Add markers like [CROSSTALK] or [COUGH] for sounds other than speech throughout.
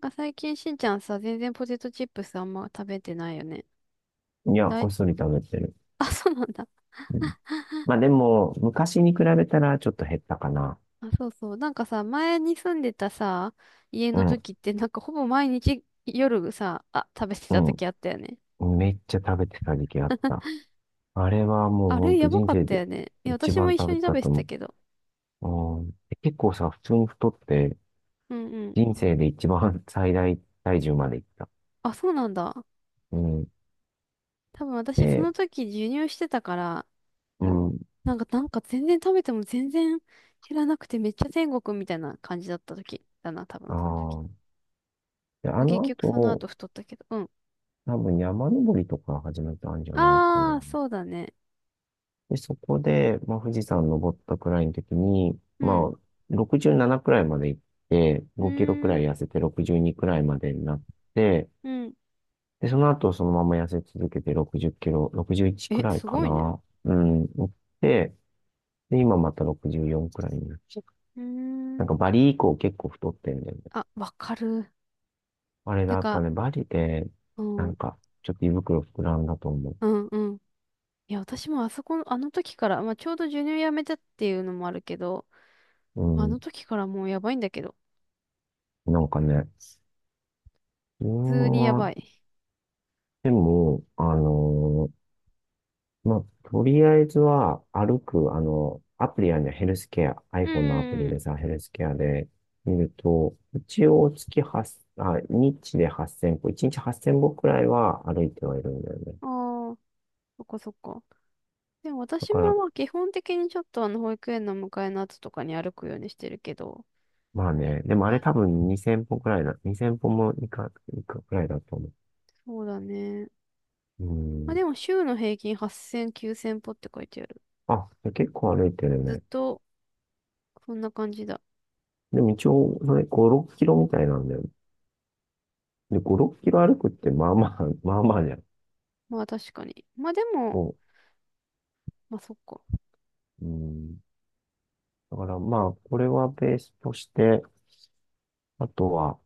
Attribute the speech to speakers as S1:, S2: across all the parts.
S1: 最近しんちゃんさ、全然ポテトチップスあんま食べてないよね。
S2: いや、
S1: だ
S2: こ
S1: い、
S2: っそり食べてる。
S1: [LAUGHS] あ、そうなんだ。
S2: うん、まあでも、昔に比べたらちょっと減ったかな。
S1: あ、そうそう。なんかさ、前に住んでたさ、家
S2: う
S1: の
S2: ん、
S1: 時って、なんかほぼ毎日夜さ、あ、食べてた時あったよね。
S2: うん。めっちゃ食べてた時期あった。
S1: [LAUGHS]
S2: あれはもう
S1: あ
S2: ほん
S1: れ、
S2: と
S1: やば
S2: 人
S1: かっ
S2: 生
S1: た
S2: で
S1: よね。いや、
S2: 一
S1: 私
S2: 番
S1: も一
S2: 食
S1: 緒
S2: べ
S1: に
S2: て
S1: 食
S2: た
S1: べ
S2: と
S1: てた
S2: 思
S1: けど。
S2: う。うん、結構さ、普通に太って、
S1: うんうん。
S2: 人生で一番 [LAUGHS] 最大体重までいった。
S1: あ、そうなんだ。
S2: うん。
S1: 多分私そ
S2: で、
S1: の時授乳してたから、
S2: うん。
S1: なんか全然食べても全然減らなくてめっちゃ天国みたいな感じだった時だな、多分
S2: あ
S1: その時。
S2: あ。で、あ
S1: 結
S2: の
S1: 局その後
S2: 後、
S1: 太ったけど。うん。
S2: 多分山登りとか始めたんじゃないかな。
S1: ああ、そうだね。
S2: で、そこで、まあ、富士山登ったくらいの時に、
S1: うん。
S2: まあ、67くじゅうななくらいまで行って、
S1: う
S2: 5キロく
S1: ーん。
S2: らい痩せて62くじゅうにくらいまでになって、
S1: うん。
S2: で、その後そのまま痩せ続けて60キロ、61く
S1: え、
S2: じゅういちくらい
S1: す
S2: か
S1: ごいね。
S2: な。うん、行って、で、今また64くじゅうよんくらいになって。
S1: うー
S2: な
S1: ん。
S2: んかバリ以降結構太ってんだよね。
S1: あ、わかる。
S2: あれだ、
S1: て
S2: やっぱ
S1: か、
S2: ね、バリで、
S1: う
S2: なん
S1: ん。
S2: か、ちょっと胃袋膨らんだと思う。
S1: うん、うん。いや、私もあそこの、あの時から、まあ、ちょうど授乳やめたっていうのもあるけど、
S2: う
S1: まあ、あ
S2: ん、
S1: の時からもうやばいんだけど、
S2: なんかね、う
S1: 普通にや
S2: ー
S1: ば
S2: ん
S1: い。
S2: でも、ーまあ、とりあえずは歩く、あの、アプリやね、ヘルスケア、
S1: う
S2: iPhone のアプ
S1: んう
S2: リで
S1: ん
S2: さ、ヘルスケアで見ると、一応月8、あ、日で8000歩、1日8000歩くらいは歩いてはいるんだよね。
S1: うん。ああ、そっかそっか。でも
S2: だ
S1: 私
S2: か
S1: も
S2: ら、
S1: まあ基本的にちょっとあの保育園の迎えの後とかに歩くようにしてるけど、
S2: まあね、でもあ
S1: は
S2: れ
S1: い、
S2: 多分2000歩くらいだ、2000歩もいくくらいだと思
S1: そうだね。
S2: う。う
S1: まあ
S2: ん。
S1: でも週の平均8000、9000歩って書いてある。
S2: あ、結構歩いてる
S1: ずっ
S2: ね。
S1: とそんな感じだ。
S2: でも一応、それ5、6キロみたいなんだよ。で、5、6キロ歩くってまあまあ、まあまあじゃん。
S1: まあ確かに。まあでも、
S2: そ
S1: まあそっか。
S2: う。うん。だからまあ、これはベースとして、あとは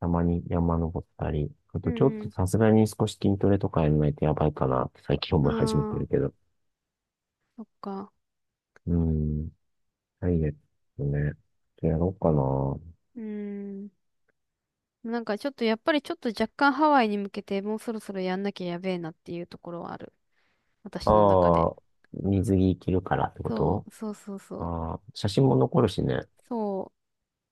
S2: たまに山登ったり、あ
S1: う
S2: とちょっと
S1: ん
S2: さすがに少し筋トレとかやらないとやばいかなって最近
S1: う
S2: 思い始めて
S1: ん。あ
S2: るけ
S1: あ、
S2: ど。
S1: そっか。
S2: うーん、ダイエットね。やろうかな。
S1: うーん。ちょっとやっぱりちょっと若干ハワイに向けてもうそろそろやんなきゃやべえなっていうところはある。私の中
S2: あ
S1: で。
S2: あ、水着着るからってこ
S1: そ
S2: と？
S1: う、そうそうそう。
S2: ああ、写真も残るしね。
S1: そう。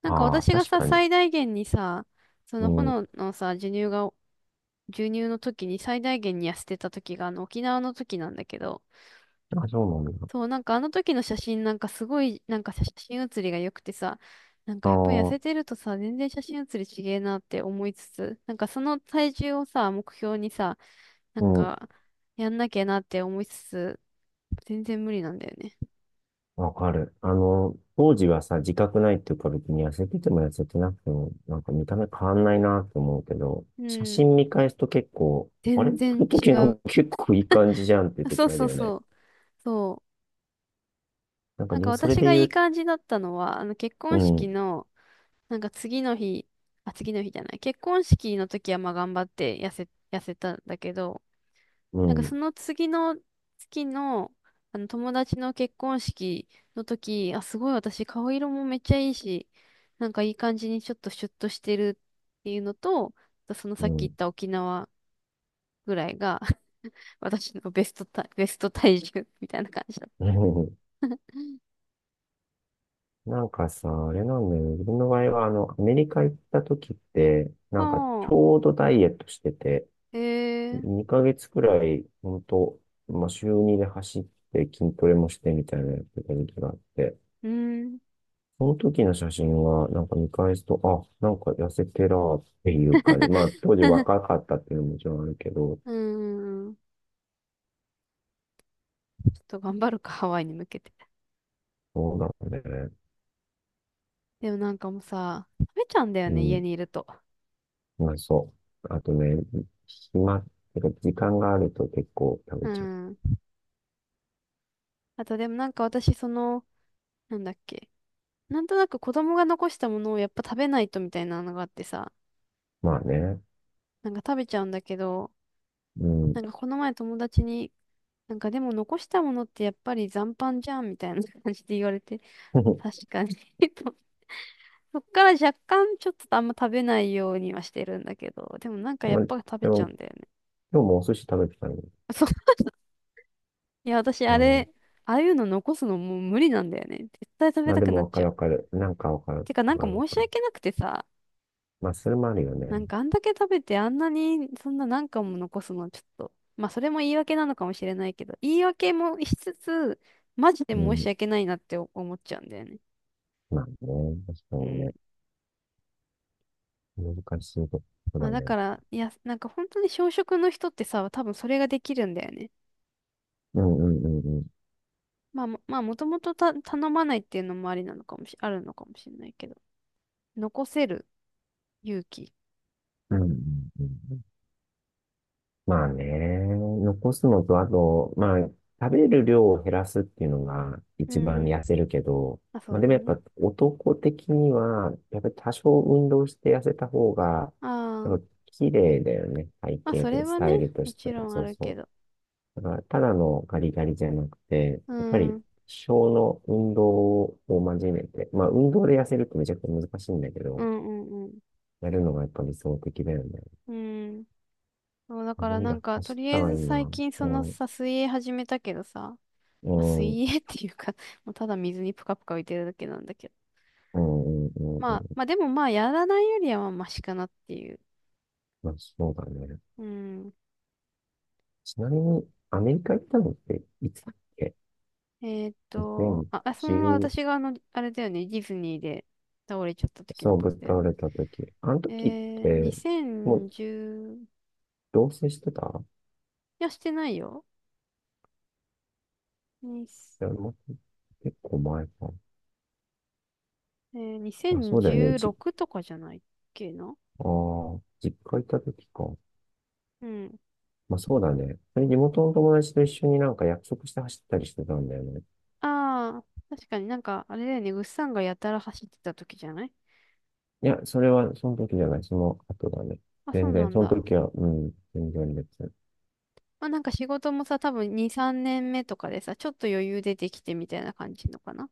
S1: なんか
S2: ああ、
S1: 私が
S2: 確
S1: さ、
S2: かに。
S1: 最大限にさ、そ
S2: う
S1: の
S2: ん、
S1: 炎のさ、授乳が、授乳の時に最大限に痩せてた時があの沖縄の時なんだけど、
S2: あ、そうなんだ。
S1: そう、なんかあの時の写真なんかすごい、なんか写真写りが良くてさ、なん
S2: あ
S1: かやっぱり痩せ
S2: あ、
S1: てるとさ、全然写真写りちげえなって思いつつ、なんかその体重をさ、目標にさ、な
S2: う
S1: ん
S2: ん。
S1: かやんなきゃなって思いつつ、全然無理なんだよね。
S2: わかる。あの、当時はさ、自覚ないっていうか別に痩せてても痩せてなくても、なんか見た目変わんないなって思うけど、
S1: う
S2: 写
S1: ん。
S2: 真見返すと結構、あれ
S1: 全
S2: こ
S1: 然
S2: の
S1: 違
S2: 時
S1: う。
S2: の結構いい感じじゃんっていう
S1: あ、そう
S2: 時ある
S1: そう
S2: よね。
S1: そう。そう。
S2: なんか
S1: なんか
S2: ね、それ
S1: 私
S2: で
S1: がい
S2: 言
S1: い
S2: う、
S1: 感じだったのは、あの結
S2: う
S1: 婚式
S2: ん、
S1: の、なんか次の日、あ、次の日じゃない。結婚式の時はまあ頑張って痩せたんだけど、
S2: う
S1: なんかそ
S2: ん、
S1: の次の月の、あの友達の結婚式の時、あ、すごい私顔色もめっちゃいいし、なんかいい感じにちょっとシュッとしてるっていうのと、あとその
S2: う
S1: さっき言っ
S2: ん、
S1: た沖縄ぐらいが [LAUGHS] 私のベスト体重みたいな感じだっ
S2: [LAUGHS] うん。なんかさ、あれなんだよね。自分の場合は、あの、アメリカ行った時って、
S1: た。
S2: なんかち
S1: はあ、
S2: ょうどダイエットしてて、
S1: へえ、
S2: 2ヶ月くらい、ほんと、まあ、週2で走って筋トレもしてみたいなやってた時期があって、
S1: うん、
S2: その時の写真は、なんか見返すと、あ、なんか痩せてらーっていうかじまあ当時若かったっていうのももちろんあるけど、
S1: うん、ちょっと頑張るか、ハワイに向けて。
S2: そうだね。
S1: でもなんかもうさ、食べちゃうんだよ
S2: う
S1: ね、家
S2: ん、
S1: にいると。
S2: まあそう。あとね、暇っていうか時間があると結構食
S1: う
S2: べちゃう。
S1: ん。あとでもなんか私その、なんだっけ。なんとなく子供が残したものをやっぱ食べないとみたいなのがあってさ、
S2: まあね。
S1: なんか食べちゃうんだけど、
S2: うん。
S1: なんかこの前友達に、なんかでも残したものってやっぱり残飯じゃんみたいな [LAUGHS] 感じで言われて、まあ、
S2: [LAUGHS]
S1: 確かに [LAUGHS] と、そっから若干ちょっとあんま食べないようにはしてるんだけど、でもなんかやっ
S2: まあ、
S1: ぱ食
S2: で
S1: べちゃう
S2: も、
S1: んだよね。
S2: 今日もお寿司食べてたの。
S1: [LAUGHS] そう、[LAUGHS] いや私
S2: う
S1: あ
S2: ん。
S1: れ、ああいうの残すのもう無理なんだよね。絶対食
S2: ま
S1: べ
S2: あ
S1: た
S2: で
S1: く
S2: も
S1: なっ
S2: わか
S1: ちゃ
S2: る
S1: う。
S2: わかる。なんかわかる。
S1: てかなん
S2: わか
S1: か
S2: るわ
S1: 申
S2: か
S1: し
S2: る。
S1: 訳なくてさ、
S2: まあそれもあるよ
S1: な
S2: ね。
S1: んかあんだけ食べてあんなにそんな何貫も残すのちょっと、まあそれも言い訳なのかもしれないけど、言い訳もしつつ、マジで
S2: う
S1: 申し
S2: ん。
S1: 訳ないなって思っちゃうんだよね。
S2: まあね、確か
S1: う
S2: に
S1: ん。
S2: ね。難しいとこ
S1: ま
S2: だ
S1: あだ
S2: ね。
S1: から、いや、なんか本当に小食の人ってさ、多分それができるんだよね。
S2: うんうんうんうん。
S1: まあもともとた頼まないっていうのもありなのかもし、あるのかもしれないけど。残せる勇気。
S2: うんうんうん、まあね、残すのと、あと、まあ、食べる量を減らすっていうのが
S1: う
S2: 一番
S1: んうん。
S2: 痩せるけど、
S1: あ、そ
S2: ま
S1: う
S2: あでもやっ
S1: ね。
S2: ぱ男的には、やっぱり多少運動して痩せた方が、
S1: あ
S2: やっ
S1: あ。
S2: ぱ綺麗だよね。体
S1: まあそ
S2: 型
S1: れ
S2: とス
S1: は
S2: タ
S1: ね、
S2: イルと
S1: も
S2: して
S1: ち
S2: は。
S1: ろんあ
S2: そう
S1: るけ
S2: そ
S1: ど。
S2: う。だからただのガリガリじゃなくて、
S1: う
S2: やっぱ
S1: ん。う
S2: り
S1: ん
S2: 小の運動を真面目で、まあ運動で痩せるってめちゃくちゃ難しいんだけ
S1: う
S2: ど、
S1: んうん。
S2: やるのがやっぱ理想的だよね。
S1: うん。そう、だから
S2: い
S1: なん
S2: や、
S1: か、と
S2: 走っ
S1: りあ
S2: た
S1: え
S2: ら
S1: ず
S2: いいな。
S1: 最近そ
S2: う
S1: の
S2: ん、
S1: さ、水泳始めたけどさ、ま
S2: う
S1: あ、
S2: ん、う
S1: 水
S2: ん、
S1: 泳っていうか [LAUGHS] もうただ水にぷかぷか浮いてるだけなんだけど。
S2: うん、うん。う
S1: まあ、
S2: ん、
S1: まあでもまあ、やらないよりはまあ、マシかなっていう。
S2: まあ、そうだね。
S1: うん。
S2: ちなみに、アメリカ行ったのって、いつだっけ
S1: あ、あそのまま
S2: ?2010、
S1: 私があの、あれだよね、ディズニーで倒れちゃった時
S2: そ
S1: の
S2: う、
S1: こ
S2: ぶっ
S1: とだよ
S2: 倒
S1: ね。
S2: れた時。あの
S1: え
S2: 時っ
S1: ー、
S2: て、もう、
S1: 2010、
S2: 同棲してた？
S1: いや、してないよ。に、
S2: いや、もう結構前か。
S1: えー、
S2: あ、そうだよね。
S1: 2016とかじゃないっけな。
S2: ああ、実家行った時か。
S1: うん。
S2: まあ、そうだね。それ地元の友達と一緒になんか約束して走ったりしてたんだよね。
S1: ああ、確かになんか、あれだよね、ぐっさんがやたら走ってた時じゃない。
S2: いや、それはその時じゃない、その後だね。
S1: あ、そう
S2: 全
S1: な
S2: 然、
S1: ん
S2: その
S1: だ。
S2: 時は、うん、全然別。
S1: まあなんか仕事もさ、多分2、3年目とかでさ、ちょっと余裕出てきてみたいな感じのかな。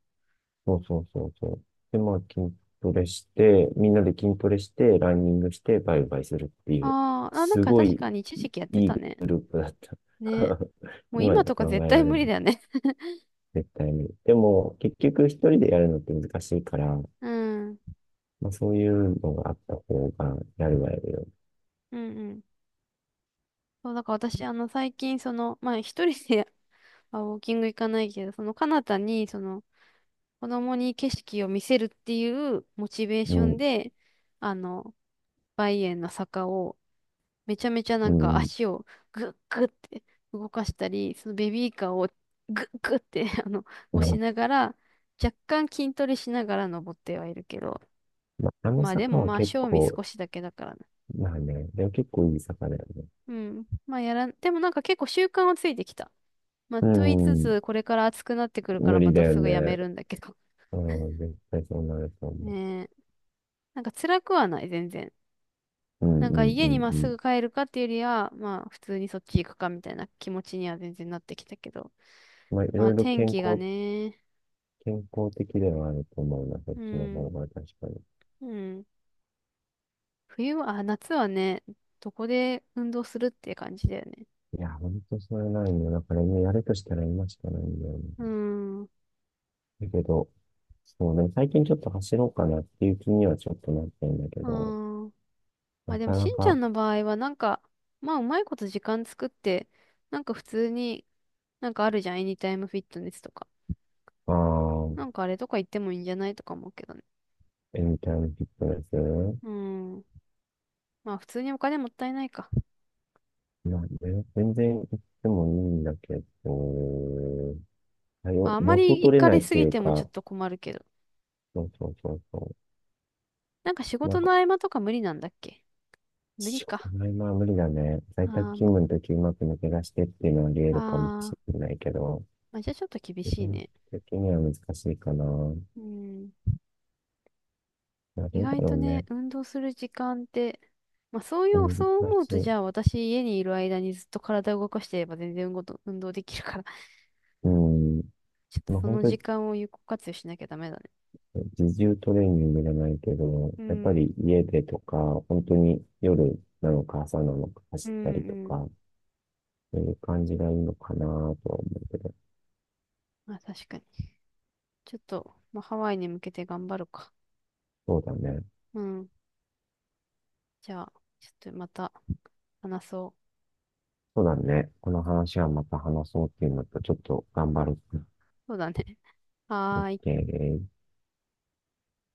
S2: そうそうそうそう。で、まあ、筋トレして、みんなで筋トレして、ランニングして、バイバイするっていう、
S1: あーあ、なん
S2: す
S1: か
S2: ご
S1: 確
S2: い
S1: かに一時期やって
S2: いい
S1: たね。
S2: グループだった。
S1: ね。
S2: [LAUGHS]
S1: もう
S2: 今
S1: 今
S2: じゃ
S1: とか
S2: 考
S1: 絶
S2: え
S1: 対
S2: られな
S1: 無理
S2: い、
S1: だよね。
S2: 絶対に。でも、結局一人でやるのって難しいから、
S1: [LAUGHS] うん。
S2: まあ、そういうのがあった方が、やるはやるよ。
S1: うんうん。そう、だから私、あの、最近、その、まあ一人で [LAUGHS] あ、ウォーキング行かないけど、その、彼方に、その、子供に景色を見せるっていうモチベー
S2: う
S1: ション
S2: ん、
S1: で、あの、バイエンの坂をめちゃめちゃな
S2: う
S1: んか
S2: ん。
S1: 足をグッグッって動かしたり、そのベビーカーをグッグッって [LAUGHS] あの、押し
S2: ま
S1: ながら、若干筋トレしながら登ってはいるけど、
S2: あ、あの
S1: まあで
S2: 坂
S1: も
S2: は
S1: まあ
S2: 結
S1: 賞味
S2: 構、
S1: 少しだけだからね。
S2: まあね、でも結構いい坂だよね。
S1: うん。まあやらん、でもなんか結構習慣はついてきた。まあ
S2: う
S1: と言いつ
S2: ん、
S1: つ、これから暑くなってくるか
S2: 無
S1: ら
S2: 理
S1: ま
S2: だ
S1: た
S2: よ
S1: すぐやめ
S2: ね。
S1: るんだけど。
S2: うん、絶対そうなると思
S1: ねえ。なんか辛くはない、全然。
S2: う。うん、
S1: なんか
S2: うん、
S1: 家
S2: う
S1: に
S2: ん、
S1: まっ
S2: う
S1: す
S2: ん。
S1: ぐ帰るかっていうよりは、まあ普通にそっち行くかみたいな気持ちには全然なってきたけど。
S2: まあ、い
S1: ま
S2: ろ
S1: あ
S2: いろ
S1: 天気がね、
S2: 健康的ではあると思うな、そっ
S1: う
S2: ちの方
S1: ん、
S2: が確かに。
S1: うん。冬は、あ、夏はね、どこで運動するっていう感じだよね。
S2: いや、ほんとそれないんだよ。だから今やるとしたら今しかないんだよね。
S1: うん、う
S2: だけど、そうね、最近ちょっと走ろうかなっていう気にはちょっとなってんだけど、
S1: ん。あ、
S2: な
S1: でも
S2: か
S1: し
S2: な
S1: んちゃ
S2: か、
S1: んの場合はなんか、まあうまいこと時間作って、なんか普通に、なんかあるじゃん、エニタイムフィットネスとか。
S2: ああ、
S1: なんかあれとか行ってもいいんじゃないとか思うけどね。
S2: エニタイムフィットネス。
S1: うん。まあ普通にお金もったいないか。
S2: いや、ね、全然行ってもいいんだけど、は
S1: ま
S2: よ
S1: あ、あま
S2: 元
S1: り行
S2: 取れ
S1: か
S2: ない
S1: れ
S2: っ
S1: す
S2: てい
S1: ぎ
S2: う
S1: てもちょっ
S2: か、
S1: と困るけど。
S2: そうそうそうそ
S1: なんか仕
S2: う。な
S1: 事
S2: んか、
S1: の合間とか無理なんだっけ、無理
S2: 仕事
S1: か。
S2: の合間は無理だね。在
S1: あ
S2: 宅
S1: ーま
S2: 勤務の時うまく抜け出してっていうのはあり得るかもし
S1: あ、あー
S2: れないけど、
S1: まあ、じゃあちょっと厳
S2: 基
S1: しい
S2: 本
S1: ね。
S2: 的には難しいかな。な
S1: うん。
S2: あ、
S1: 意
S2: どだ
S1: 外
S2: ろ
S1: と
S2: う
S1: ね、
S2: ね。
S1: 運動する時間って、まあそういう、
S2: 難
S1: そう思う
S2: し
S1: と、じ
S2: い。
S1: ゃあ私家にいる間にずっと体を動かしてれば全然運動と、運動できるから [LAUGHS]
S2: うん。
S1: ちょっと
S2: まあ、
S1: そ
S2: 本
S1: の
S2: 当
S1: 時
S2: に
S1: 間を有効活用しなきゃダメだね。
S2: 自重トレーニングじゃないけど、
S1: う
S2: やっぱ
S1: ん、
S2: り家でとか、本当に夜なのか朝なのか
S1: う
S2: 走
S1: ん、
S2: ったりと
S1: うん。
S2: か、そういう感じがいいのかなとは思うけど、
S1: まあ確かに。ちょっと、まあハワイに向けて頑張るか。
S2: そうだね。
S1: うん。じゃあ、ちょっとまた話そう。
S2: そうだね。この話はまた話そうっていうのと、ちょっと頑張る。
S1: そうだね。はーい。
S2: OK です。